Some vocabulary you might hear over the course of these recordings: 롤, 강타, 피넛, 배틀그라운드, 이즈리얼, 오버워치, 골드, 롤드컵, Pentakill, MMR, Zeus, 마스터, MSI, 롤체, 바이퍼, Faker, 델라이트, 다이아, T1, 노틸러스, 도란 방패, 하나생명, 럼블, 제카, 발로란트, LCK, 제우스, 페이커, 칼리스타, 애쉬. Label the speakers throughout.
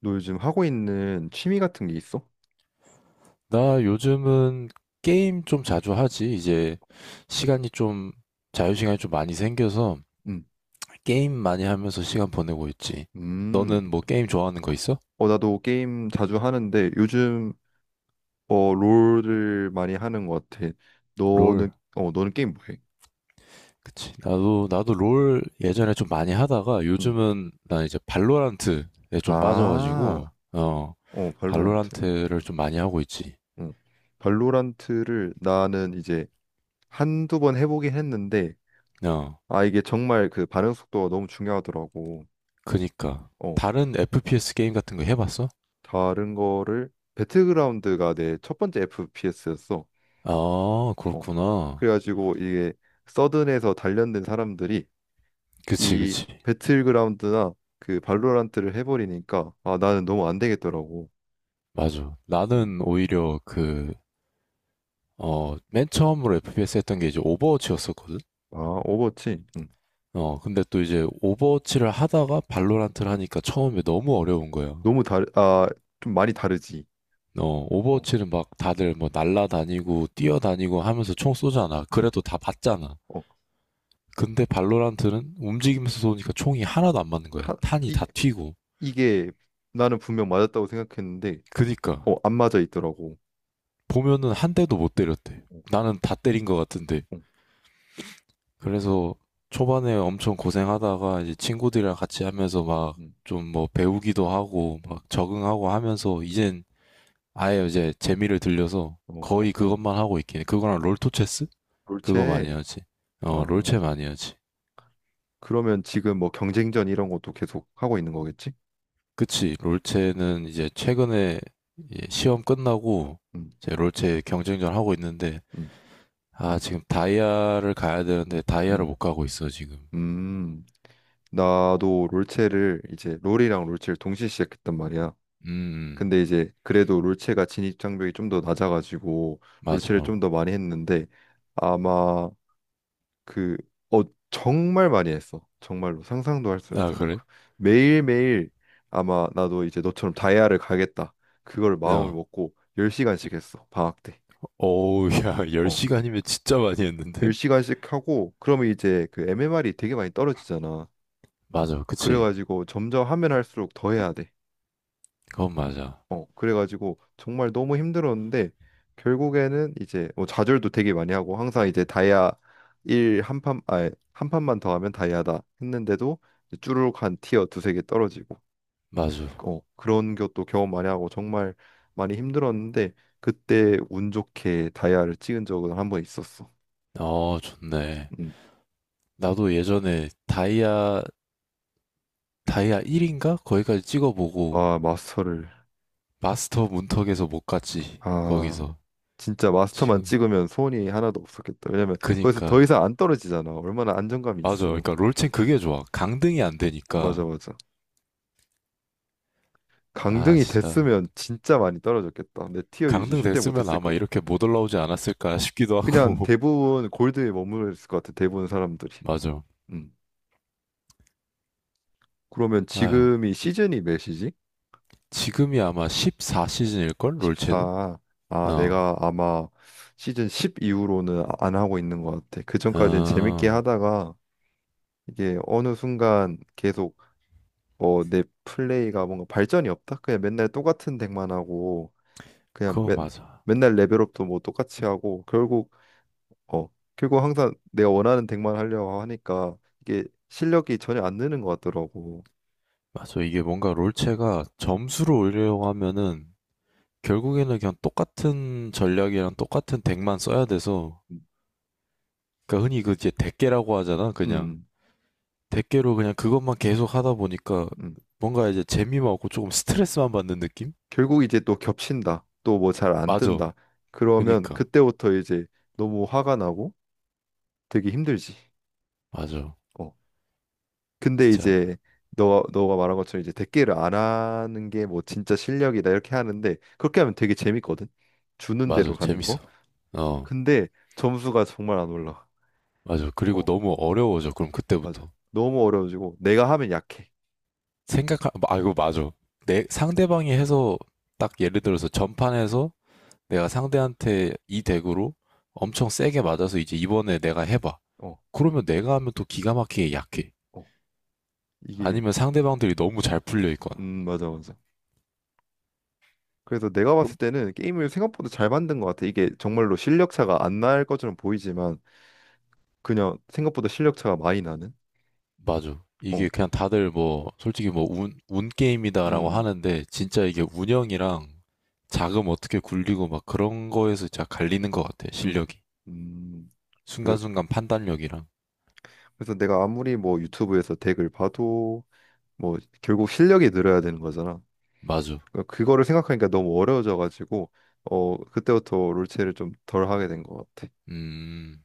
Speaker 1: 너 요즘 하고 있는 취미 같은 게 있어?
Speaker 2: 나 요즘은 게임 좀 자주 하지. 이제 시간이 좀, 자유시간이 좀 많이 생겨서
Speaker 1: 응.
Speaker 2: 게임 많이 하면서 시간 보내고 있지.
Speaker 1: 음.
Speaker 2: 너는 뭐 게임 좋아하는 거 있어?
Speaker 1: 어, 나도 게임 자주 하는데 요즘 롤을 많이 하는 것 같아.
Speaker 2: 롤.
Speaker 1: 너는 너는 게임 뭐 해?
Speaker 2: 그치. 나도 롤 예전에 좀 많이 하다가
Speaker 1: 응.
Speaker 2: 요즘은 나 이제 발로란트에 좀
Speaker 1: 아.
Speaker 2: 빠져가지고, 어,
Speaker 1: 어, 발로란트.
Speaker 2: 발로란트를 좀 많이 하고 있지.
Speaker 1: 응. 발로란트를 나는 이제 한두 번 해보긴 했는데
Speaker 2: 어,
Speaker 1: 아, 이게 정말 그 반응 속도가 너무 중요하더라고.
Speaker 2: 그니까.
Speaker 1: 어.
Speaker 2: 다른 FPS 게임 같은 거 해봤어?
Speaker 1: 다른 거를 배틀그라운드가 내 첫 번째 FPS였어.
Speaker 2: 아,
Speaker 1: 어.
Speaker 2: 그렇구나.
Speaker 1: 그래가지고 이게 서든에서 단련된 사람들이
Speaker 2: 그치,
Speaker 1: 이
Speaker 2: 그치.
Speaker 1: 배틀그라운드나 그 발로란트를 해버리니까 아 나는 너무 안 되겠더라고.
Speaker 2: 맞아.
Speaker 1: 음.
Speaker 2: 나는 오히려 그, 어, 맨 처음으로 FPS 했던 게 이제 오버워치였었거든?
Speaker 1: 아 오버워치
Speaker 2: 어, 근데 또 이제 오버워치를 하다가 발로란트를 하니까 처음에 너무 어려운 거야.
Speaker 1: 너무 다르 아 좀 많이 다르지.
Speaker 2: 어,
Speaker 1: 어.
Speaker 2: 오버워치는 막 다들 뭐 날라다니고
Speaker 1: 음.
Speaker 2: 뛰어다니고 하면서 총 쏘잖아.
Speaker 1: 음.
Speaker 2: 그래도 다 봤잖아.
Speaker 1: 어.
Speaker 2: 근데 발로란트는 움직이면서 쏘니까 총이 하나도 안 맞는 거야.
Speaker 1: 하,
Speaker 2: 탄이
Speaker 1: 이
Speaker 2: 다 튀고.
Speaker 1: 이게 나는 분명 맞았다고 생각했는데
Speaker 2: 그니까
Speaker 1: 안 맞아 있더라고.
Speaker 2: 보면은 한 대도 못 때렸대.
Speaker 1: 어.
Speaker 2: 나는 다 때린 것 같은데
Speaker 1: 어,
Speaker 2: 그래서 초반에 엄청 고생하다가 이제 친구들이랑 같이 하면서 막
Speaker 1: 음.
Speaker 2: 좀 뭐 배우기도 하고
Speaker 1: 음.
Speaker 2: 막 적응하고 하면서 이젠 아예 이제 재미를 들려서
Speaker 1: 어.
Speaker 2: 거의
Speaker 1: 어.
Speaker 2: 그것만 하고 있긴 해. 그거랑 롤토체스? 그거 많이
Speaker 1: 롤체
Speaker 2: 하지. 어,
Speaker 1: 아
Speaker 2: 롤체 많이 하지.
Speaker 1: 그러면 지금 뭐 경쟁전 이런 것도 계속 하고 있는 거겠지?
Speaker 2: 그치. 롤체는 이제 최근에 예, 시험 끝나고
Speaker 1: 음.
Speaker 2: 제 롤체 경쟁전 하고 있는데
Speaker 1: 음.
Speaker 2: 아, 지금 다이아를 가야 되는데 다이아를
Speaker 1: 음.
Speaker 2: 못 가고 있어, 지금.
Speaker 1: 음, 나도 롤체를 이제 롤이랑 롤체를 동시에 시작했단 말이야.
Speaker 2: 음, 음,
Speaker 1: 근데 이제 그래도 롤체가 진입 장벽이 좀 더 낮아가지고 롤체를 좀
Speaker 2: 맞아.
Speaker 1: 더 많이 했는데 아마 그 어, 정말 많이 했어. 정말로 상상도 할 수
Speaker 2: 아,
Speaker 1: 없을
Speaker 2: 그래?
Speaker 1: 만큼 매일매일 아마 나도 이제 너처럼 다이아를 가겠다. 그걸 마음을
Speaker 2: 어.
Speaker 1: 먹고 10시간씩 했어. 방학 때.
Speaker 2: 어우, 야,
Speaker 1: 어.
Speaker 2: 10시간이면 진짜 많이 했는데?
Speaker 1: 10시간씩 하고 그러면 이제 그 MMR이 되게 많이 떨어지잖아.
Speaker 2: 맞아, 그치.
Speaker 1: 그래가지고 점점 하면 할수록 더 해야 돼.
Speaker 2: 그건 맞아.
Speaker 1: 어, 그래가지고 정말 너무 힘들었는데 결국에는 이제 뭐 좌절도 되게 많이 하고 항상 이제 다이아 1 한 판, 아니 한 판만 더 하면 다이아다 했는데도 이제 쭈루룩 한 티어 두세 개 떨어지고
Speaker 2: 맞아.
Speaker 1: 어, 그런 것도 경험 많이 하고 정말 많이 힘들었는데 그때 운 좋게 다이아를 찍은 적은 한 번 있었어.
Speaker 2: 어, 좋네.
Speaker 1: 음.
Speaker 2: 나도 예전에 다이아, 다이아 1인가? 거기까지 찍어보고,
Speaker 1: 아, 마스터를
Speaker 2: 마스터 문턱에서 못 갔지.
Speaker 1: 아
Speaker 2: 거기서.
Speaker 1: 진짜 마스터만
Speaker 2: 지금.
Speaker 1: 찍으면 소원이 하나도 없었겠다. 왜냐면 거기서 더
Speaker 2: 그니까.
Speaker 1: 이상 안 떨어지잖아. 얼마나 안정감이
Speaker 2: 맞아.
Speaker 1: 있어.
Speaker 2: 그니까 롤챔 그게 좋아. 강등이 안
Speaker 1: 맞아,
Speaker 2: 되니까.
Speaker 1: 맞아.
Speaker 2: 아,
Speaker 1: 강등이
Speaker 2: 진짜.
Speaker 1: 됐으면 진짜 많이 떨어졌겠다. 내 티어 유지
Speaker 2: 강등
Speaker 1: 절대
Speaker 2: 됐으면
Speaker 1: 못했을
Speaker 2: 아마
Speaker 1: 것
Speaker 2: 이렇게
Speaker 1: 같아.
Speaker 2: 못 올라오지 않았을까 싶기도
Speaker 1: 그냥
Speaker 2: 하고.
Speaker 1: 대부분 골드에 머무르겠을 것 같아. 대부분 사람들이.
Speaker 2: 맞아.
Speaker 1: 음. 그러면
Speaker 2: 아휴.
Speaker 1: 지금이 시즌이 몇이지?
Speaker 2: 지금이 아마 14시즌일걸? 롤챔은?
Speaker 1: 14. 아,
Speaker 2: 어.
Speaker 1: 내가 아마 시즌 10 이후로는 안 하고 있는 것 같아. 그 전까지는 재밌게
Speaker 2: 아,
Speaker 1: 하다가 이게 어느 순간 계속 어, 내 플레이가 뭔가 발전이 없다. 그냥 맨날 똑같은 덱만 하고 그냥
Speaker 2: 그건
Speaker 1: 맨,
Speaker 2: 맞아.
Speaker 1: 맨날 레벨업도 뭐 똑같이 하고 결국 어, 그리고 항상 내가 원하는 덱만 하려고 하니까 이게 실력이 전혀 안 느는 것 같더라고.
Speaker 2: 맞아. 이게 뭔가 롤체가 점수를 올리려고 하면은 결국에는 그냥 똑같은 전략이랑 똑같은 덱만 써야 돼서
Speaker 1: 음,
Speaker 2: 그러니까 흔히 그 이제 덱계라고 하잖아. 그냥
Speaker 1: 음.
Speaker 2: 덱계로 그냥 그것만 계속 하다 보니까
Speaker 1: 음.
Speaker 2: 뭔가 이제 재미만 없고 조금 스트레스만 받는 느낌?
Speaker 1: 결국 이제 또 겹친다. 또 뭐 잘 안
Speaker 2: 맞아.
Speaker 1: 뜬다. 그러면
Speaker 2: 그니까.
Speaker 1: 그때부터 이제 너무 화가 나고 되게 힘들지.
Speaker 2: 맞아.
Speaker 1: 어. 근데
Speaker 2: 진짜.
Speaker 1: 이제 너가 말한 것처럼 이제 덱기를 안 하는 게 뭐 진짜 실력이다 이렇게 하는데 그렇게 하면 되게 재밌거든. 주는
Speaker 2: 맞아.
Speaker 1: 대로 가는 거.
Speaker 2: 재밌어. 어.
Speaker 1: 근데 점수가 정말 안 올라.
Speaker 2: 맞아. 그리고
Speaker 1: 어,
Speaker 2: 너무 어려워져. 그럼
Speaker 1: 맞아.
Speaker 2: 그때부터.
Speaker 1: 너무 어려워지고 내가 하면 약해.
Speaker 2: 아, 이거 맞아. 상대방이 해서, 딱 예를 들어서 전판에서 내가 상대한테 이 덱으로 엄청 세게 맞아서 이제 이번에 내가 해봐.
Speaker 1: 어.
Speaker 2: 그러면 내가 하면 또 기가 막히게 약해.
Speaker 1: 어. 이게
Speaker 2: 아니면 상대방들이 너무 잘 풀려 있거나.
Speaker 1: 맞아 맞아. 그래서 내가
Speaker 2: 그럼,
Speaker 1: 봤을 때는 게임을 생각보다 잘 만든 것 같아. 이게 정말로 실력 차가 안 날 것처럼 보이지만 그냥 생각보다 실력 차가 많이 나는.
Speaker 2: 맞아. 이게
Speaker 1: 어,
Speaker 2: 그냥 다들 뭐, 솔직히 뭐, 운, 운 게임이다라고
Speaker 1: 음,
Speaker 2: 하는데, 진짜 이게 운영이랑 자금 어떻게 굴리고 막 그런 거에서 진짜 갈리는 것 같아,
Speaker 1: 음,
Speaker 2: 실력이.
Speaker 1: 음. 그래-
Speaker 2: 순간순간 판단력이랑.
Speaker 1: 그래서 내가 아무리 뭐 유튜브에서 덱을 봐도 뭐 결국 실력이 늘어야 되는 거잖아.
Speaker 2: 맞아.
Speaker 1: 그 그거를 생각하니까 너무 어려워져가지고 어 그때부터 롤체를 좀 덜 하게 된 것 같아.
Speaker 2: 음.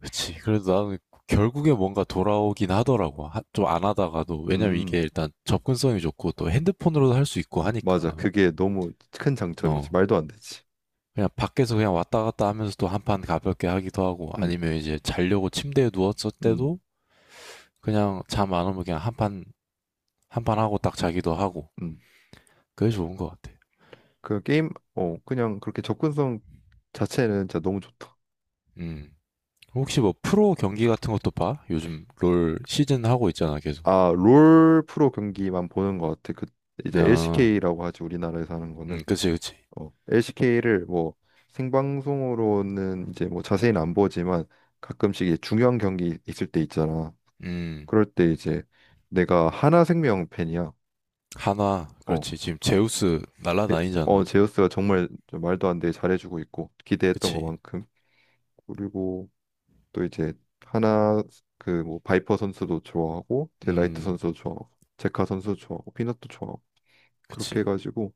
Speaker 2: 그치. 그래도 나는 결국에 뭔가 돌아오긴 하더라고. 좀 안 하다가도. 왜냐면
Speaker 1: 음
Speaker 2: 이게 일단 접근성이 좋고 또 핸드폰으로도 할 수 있고
Speaker 1: 맞아.
Speaker 2: 하니까.
Speaker 1: 그게 너무 큰 장점이지.
Speaker 2: 어.
Speaker 1: 말도 안 되지.
Speaker 2: 그냥 밖에서 그냥 왔다 갔다 하면서 또 한판 가볍게 하기도 하고
Speaker 1: 음,
Speaker 2: 아니면 이제 자려고 침대에 누웠을
Speaker 1: 음,
Speaker 2: 때도 그냥 잠 안 오면 그냥 한 판, 한 판 하고 딱 자기도 하고.
Speaker 1: 음.
Speaker 2: 그게 좋은 것 같아.
Speaker 1: 그 게임 그냥 그렇게 접근성 자체는 진짜 너무 좋다.
Speaker 2: 음. 혹시 뭐 프로 경기 같은 것도 봐? 요즘 롤 시즌 하고 있잖아, 계속.
Speaker 1: 아, 롤 프로 경기만 보는 것 같아. 그 이제
Speaker 2: 어,
Speaker 1: LCK라고 하지 우리나라에서 하는 거는
Speaker 2: 그치, 그치.
Speaker 1: LCK를 뭐 생방송으로는 이제 뭐 자세히는 안 보지만 가끔씩 이제 중요한 경기 있을 때 있잖아.
Speaker 2: 음.
Speaker 1: 그럴 때 이제 내가 하나생명 팬이야.
Speaker 2: 하나,
Speaker 1: 어,
Speaker 2: 그렇지. 지금 제우스
Speaker 1: 에-
Speaker 2: 날라다니잖아.
Speaker 1: 제우스가 정말 좀 말도 안 되게 잘해주고 있고 기대했던
Speaker 2: 그치.
Speaker 1: 것만큼 그리고 또 이제 하나 그 뭐 바이퍼 선수도 좋아하고 델라이트
Speaker 2: 음,
Speaker 1: 선수도 좋아하고 제카 선수도 좋아하고 피넛도 좋아하고
Speaker 2: 그치.
Speaker 1: 그렇게 해가지고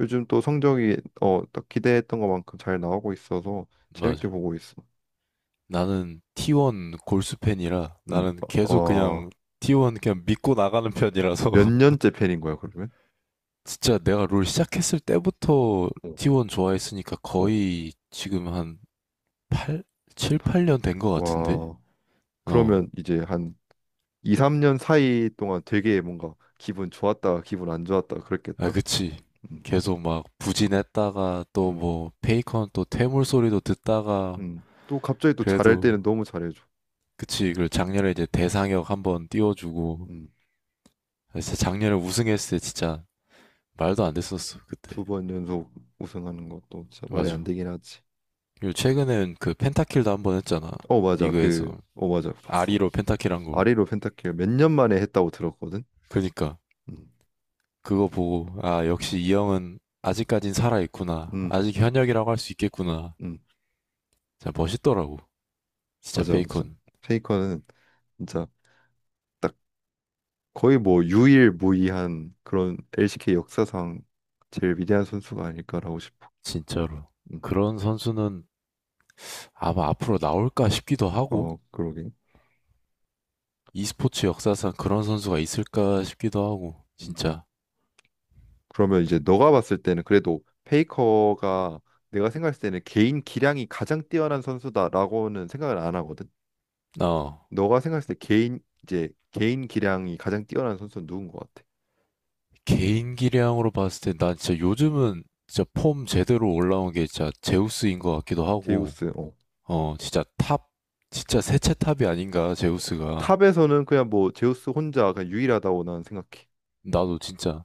Speaker 1: 요즘 또 성적이 어 딱 기대했던 것만큼 잘 나오고 있어서 재밌게
Speaker 2: 맞아.
Speaker 1: 보고 있어.
Speaker 2: 나는 T1 골수 팬이라
Speaker 1: 음,
Speaker 2: 나는 계속
Speaker 1: 어,
Speaker 2: 그냥 T1 그냥 믿고 나가는 편이라서
Speaker 1: 몇 년째 팬인 거야 그러면?
Speaker 2: 진짜 내가 롤 시작했을 때부터
Speaker 1: 어.
Speaker 2: T1 좋아했으니까
Speaker 1: 어.
Speaker 2: 거의 지금 한팔 7, 8년 된 거 같은데?
Speaker 1: 와,
Speaker 2: 어.
Speaker 1: 그러면 이제 한 2, 3년 사이 동안 되게 뭔가 기분 좋았다가 기분 안 좋았다가
Speaker 2: 아,
Speaker 1: 그랬겠다.
Speaker 2: 그치.
Speaker 1: 음,
Speaker 2: 계속 막 부진했다가 또
Speaker 1: 음,
Speaker 2: 뭐 페이컨 또 퇴물 소리도 듣다가
Speaker 1: 또 갑자기 또 잘할
Speaker 2: 그래도
Speaker 1: 때는 너무 잘해줘.
Speaker 2: 그치, 그 작년에 이제 대상역 한 번 띄워주고,
Speaker 1: 음.
Speaker 2: 진짜 작년에 우승했을 때 진짜 말도 안 됐었어, 그때.
Speaker 1: 두 번 연속 우승하는 것도 진짜 말이 안
Speaker 2: 맞아.
Speaker 1: 되긴 하지.
Speaker 2: 그리고 최근엔 그 펜타킬도 한 번 했잖아,
Speaker 1: 어 맞아
Speaker 2: 리그에서.
Speaker 1: 맞아 봤어.
Speaker 2: 아리로 펜타킬 한 거.
Speaker 1: 아리로 펜타킬 몇 년 만에 했다고 들었거든.
Speaker 2: 그니까,
Speaker 1: 음,
Speaker 2: 그거 보고, 아, 역시 이 형은 아직까진 살아있구나.
Speaker 1: 음,
Speaker 2: 아직 현역이라고 할 수 있겠구나.
Speaker 1: 음
Speaker 2: 진짜 멋있더라고. 진짜
Speaker 1: 맞아 맞아.
Speaker 2: 베이컨.
Speaker 1: 페이커는 진짜 딱 거의 뭐 유일무이한 그런 LCK 역사상 제일 위대한 선수가 아닐까라고 싶어.
Speaker 2: 진짜로.
Speaker 1: 음,
Speaker 2: 그런 선수는 아마 앞으로 나올까 싶기도 하고,
Speaker 1: 어 그러게.
Speaker 2: e스포츠 역사상 그런 선수가 있을까 싶기도 하고,
Speaker 1: 음.
Speaker 2: 진짜.
Speaker 1: 그러면 이제 너가 봤을 때는 그래도 페이커가 내가 생각했을 때는 개인 기량이 가장 뛰어난 선수다라고는 생각을 안 하거든.
Speaker 2: 어.
Speaker 1: 너가 생각했을 때 개인 기량이 가장 뛰어난 선수는 누군 것 같아?
Speaker 2: 개인기량으로 봤을 때 난 진짜 요즘은 진짜 폼 제대로 올라온 게 진짜 제우스인 것 같기도 하고
Speaker 1: 제우스. 어.
Speaker 2: 어 진짜 탑 진짜 세체 탑이 아닌가
Speaker 1: 어.
Speaker 2: 제우스가
Speaker 1: 탑에서는 그냥 뭐 제우스 혼자 그냥 유일하다고 나는 생각해.
Speaker 2: 나도 진짜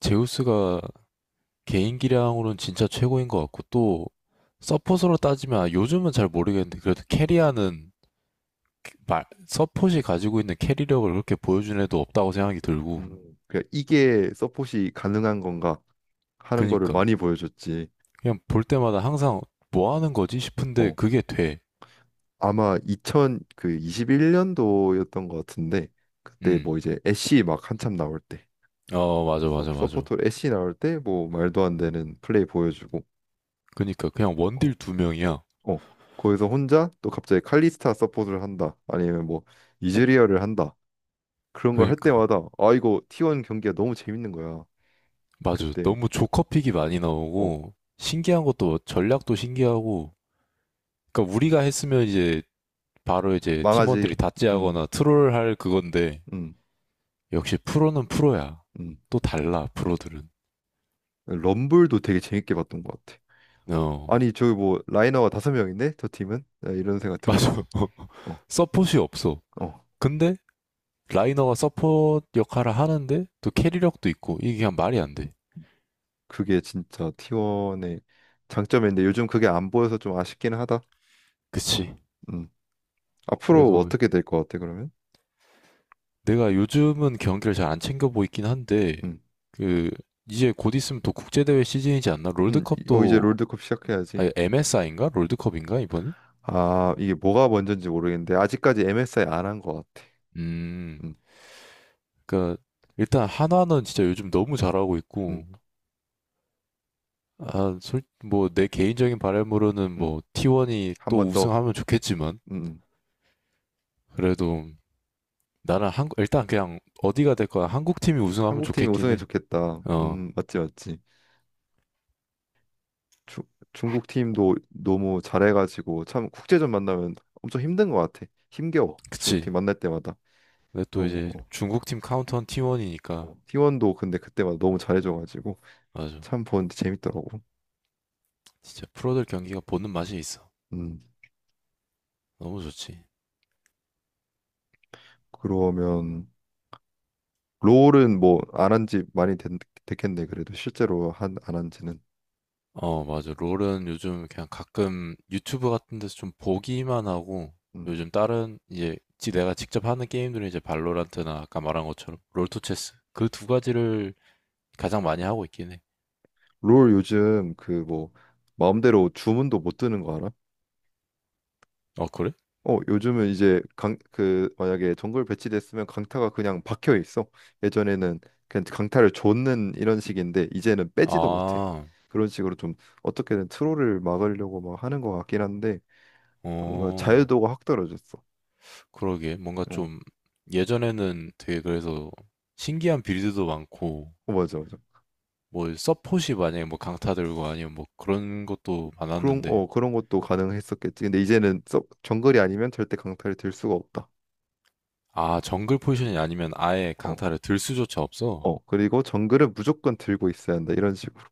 Speaker 2: 제우스가 개인기량으로는 진짜 최고인 것 같고
Speaker 1: 음.
Speaker 2: 또 서폿으로 따지면 아, 요즘은 잘 모르겠는데 그래도 캐리하는 말 서폿이 가지고 있는 캐리력을 그렇게 보여준 애도 없다고 생각이 들고
Speaker 1: 음. 그냥 이게 서폿이 가능한 건가 하는 거를
Speaker 2: 그니까
Speaker 1: 많이 보여줬지.
Speaker 2: 그냥 볼 때마다 항상 뭐 하는 거지 싶은데
Speaker 1: 어.
Speaker 2: 그게 돼
Speaker 1: 아마 2021년도였던 것 같은데 그때
Speaker 2: 음.
Speaker 1: 뭐 이제 애쉬 막 한참 나올 때
Speaker 2: 어, 맞아,
Speaker 1: 서,
Speaker 2: 맞아, 맞아.
Speaker 1: 서포터로 애쉬 나올 때 뭐 말도 안 되는 플레이 보여주고
Speaker 2: 그니까, 그냥
Speaker 1: 어.
Speaker 2: 원딜 2명이야.
Speaker 1: 어, 거기서 혼자 또 갑자기 칼리스타 서포트를 한다. 아니면 뭐 이즈리얼을 한다. 그런 걸 할
Speaker 2: 그니까.
Speaker 1: 때마다 아 이거 T1 경기가 너무 재밌는 거야.
Speaker 2: 맞아.
Speaker 1: 그때
Speaker 2: 너무 조커픽이 많이
Speaker 1: 어,
Speaker 2: 나오고, 신기한 것도, 뭐 전략도 신기하고, 그니까 우리가 했으면 이제, 바로 이제 팀원들이
Speaker 1: 망하지. 음,
Speaker 2: 다찌하거나 트롤 할 그건데,
Speaker 1: 음,
Speaker 2: 역시 프로는 프로야.
Speaker 1: 음.
Speaker 2: 또 달라,
Speaker 1: 어.
Speaker 2: 프로들은.
Speaker 1: 럼블도 되게 재밌게 봤던 것 같아.
Speaker 2: 어,
Speaker 1: 아니 저기 뭐 라이너가 다섯 명인데 저 팀은 야, 이런 생각
Speaker 2: 맞아.
Speaker 1: 들었어. 어,
Speaker 2: 서폿이 없어.
Speaker 1: 어.
Speaker 2: 근데, 라이너가 서폿 역할을 하는데, 또 캐리력도 있고, 이게 그냥 말이 안 돼.
Speaker 1: 그게 진짜 T1의 장점인데 요즘 그게 안 보여서 좀 아쉽긴 하다.
Speaker 2: 그치.
Speaker 1: 음. 앞으로
Speaker 2: 그래도,
Speaker 1: 어떻게 될 것 같아 그러면?
Speaker 2: 내가 요즘은 경기를 잘 안 챙겨 보이긴 한데
Speaker 1: 음,
Speaker 2: 그 이제 곧 있으면 또 국제대회 시즌이지 않나?
Speaker 1: 이제
Speaker 2: 롤드컵도
Speaker 1: 롤드컵 시작해야지.
Speaker 2: 아니 MSI인가? 롤드컵인가 이번이?
Speaker 1: 아, 이게 뭐가 먼저인지 모르겠는데 아직까지 MSI 안 한 것 같아.
Speaker 2: 음,
Speaker 1: 음,
Speaker 2: 그러니까 일단 한화는 진짜 요즘 너무 잘하고 있고
Speaker 1: 음,
Speaker 2: 아, 솔뭐 내 개인적인 바람으로는
Speaker 1: 음.
Speaker 2: 뭐 T1이
Speaker 1: 한
Speaker 2: 또
Speaker 1: 번 더.
Speaker 2: 우승하면 좋겠지만
Speaker 1: 음. 음.
Speaker 2: 그래도 나는 한 일단 그냥 어디가 될 거야 한국 팀이 우승하면
Speaker 1: 한국 팀이
Speaker 2: 좋겠긴
Speaker 1: 우승해
Speaker 2: 해.
Speaker 1: 좋겠다.
Speaker 2: 어,
Speaker 1: 맞지, 맞지. 주, 중국 팀도 너무 잘해가지고 참 국제전 만나면 엄청 힘든 것 같아. 힘겨워. 중국 팀
Speaker 2: 그치.
Speaker 1: 만날 때마다
Speaker 2: 근데 또
Speaker 1: 너무
Speaker 2: 이제
Speaker 1: 어,
Speaker 2: 중국 팀 카운터는 T1이니까
Speaker 1: 어. T1도 근데 그때마다 너무 잘해줘가지고
Speaker 2: 맞아.
Speaker 1: 참 보는데 재밌더라고.
Speaker 2: 진짜 프로들 경기가 보는 맛이 있어.
Speaker 1: 음.
Speaker 2: 너무 좋지.
Speaker 1: 그러면 롤은 뭐 안 한 지 많이 됐겠네. 그래도 실제로 한 안 한지는.
Speaker 2: 어, 맞아. 롤은 요즘 그냥 가끔 유튜브 같은 데서 좀 보기만 하고 요즘 다른 이제 지 내가 직접 하는 게임들은 이제 발로란트나 아까 말한 것처럼 롤토체스 그 두 가지를 가장 많이 하고 있긴 해.
Speaker 1: 롤 요즘 그 뭐 마음대로 주문도 못 뜨는 거 알아?
Speaker 2: 어, 그래?
Speaker 1: 어 요즘은 이제 강 그 만약에 정글 배치됐으면 강타가 그냥 박혀 있어. 예전에는 그냥 강타를 줬는 이런 식인데 이제는 빼지도 못해.
Speaker 2: 아,
Speaker 1: 그런 식으로 좀 어떻게든 트롤을 막으려고 막 하는 것 같긴 한데 뭔가
Speaker 2: 어,
Speaker 1: 자유도가 확 떨어졌어.
Speaker 2: 그러게. 뭔가
Speaker 1: 어,
Speaker 2: 좀 예전에는 되게 그래서 신기한 빌드도 많고
Speaker 1: 어 맞아 맞아.
Speaker 2: 뭐 서폿이 만약에 뭐 강타 들고 아니면 뭐 그런 것도
Speaker 1: 그런
Speaker 2: 많았는데
Speaker 1: 어 그런 것도 가능했었겠지. 근데 이제는 정글이 아니면 절대 강타를 들 수가 없다.
Speaker 2: 아, 정글 포지션이 아니면 아예
Speaker 1: 어
Speaker 2: 강타를 들 수조차 없어?
Speaker 1: 어 그리고 정글은 무조건 들고 있어야 한다 이런 식으로.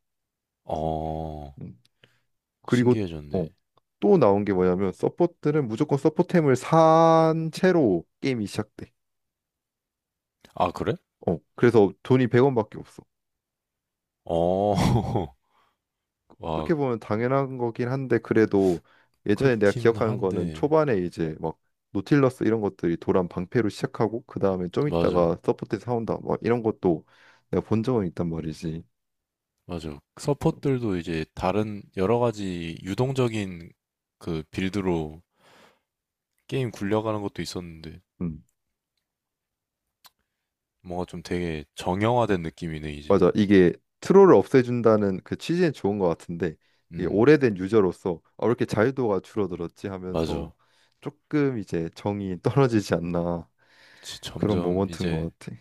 Speaker 2: 어,
Speaker 1: 음. 그리고 어,
Speaker 2: 신기해졌네.
Speaker 1: 또 나온 게 뭐냐면 서포트는 무조건 서포템을 산 채로 게임이 시작돼.
Speaker 2: 아, 그래?
Speaker 1: 어, 그래서 돈이 100원밖에 없어.
Speaker 2: 어,
Speaker 1: 음,
Speaker 2: 와,
Speaker 1: 어떻게 보면 당연한 거긴 한데 그래도 예전에 내가
Speaker 2: 그렇긴
Speaker 1: 기억하는 거는
Speaker 2: 한데,
Speaker 1: 초반에 이제 막 노틸러스 이런 것들이 도란 방패로 시작하고 그 다음에 좀
Speaker 2: 맞아,
Speaker 1: 있다가 서포트 사온다 막 이런 것도 내가 본 적은 있단 말이지.
Speaker 2: 맞아. 서폿들도 이제 다른 여러 가지 유동적인 그 빌드로 게임 굴려가는 것도 있었는데,
Speaker 1: 음.
Speaker 2: 뭔가 좀 되게 정형화된 느낌이네, 이제.
Speaker 1: 맞아. 이게 트롤을 없애준다는 그 취지는 좋은 것 같은데 이게
Speaker 2: 음,
Speaker 1: 오래된 유저로서 아, 왜 이렇게 자유도가 줄어들었지
Speaker 2: 맞아.
Speaker 1: 하면서 조금 이제 정이 떨어지지 않나
Speaker 2: 그치,
Speaker 1: 그런
Speaker 2: 점점
Speaker 1: 모먼트인
Speaker 2: 이제
Speaker 1: 것 같아.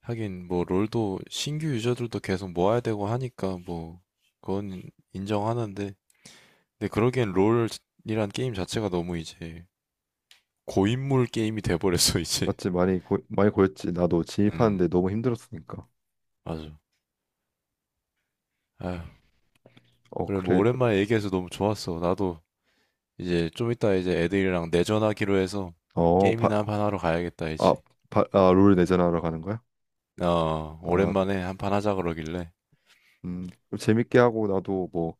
Speaker 2: 하긴 뭐 롤도 신규 유저들도 계속 모아야 되고 하니까 뭐 그건 인정하는데 근데 그러기엔 롤이란 게임 자체가 너무 이제 고인물 게임이 돼버렸어 이제
Speaker 1: 맞지? 많이 고였지. 나도
Speaker 2: 음
Speaker 1: 진입하는데 너무 힘들었으니까.
Speaker 2: 맞아 아휴
Speaker 1: 어
Speaker 2: 그래 뭐
Speaker 1: 그래.
Speaker 2: 오랜만에 얘기해서 너무 좋았어 나도 이제 좀 이따 이제 애들이랑 내전하기로 해서
Speaker 1: 어 바,
Speaker 2: 게임이나 한판 하러 가야겠다
Speaker 1: 아,
Speaker 2: 이제
Speaker 1: 롤 내전하러 가는 거야?
Speaker 2: 어
Speaker 1: 아,
Speaker 2: 오랜만에 한판 하자 그러길래
Speaker 1: 그럼 재밌게 하고 나도 뭐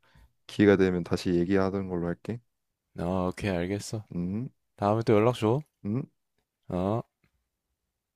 Speaker 1: 기회가 되면 다시 얘기하던 걸로 할게.
Speaker 2: 어 오케이 알겠어
Speaker 1: 음,
Speaker 2: 다음에 또 연락 줘
Speaker 1: 음.
Speaker 2: 어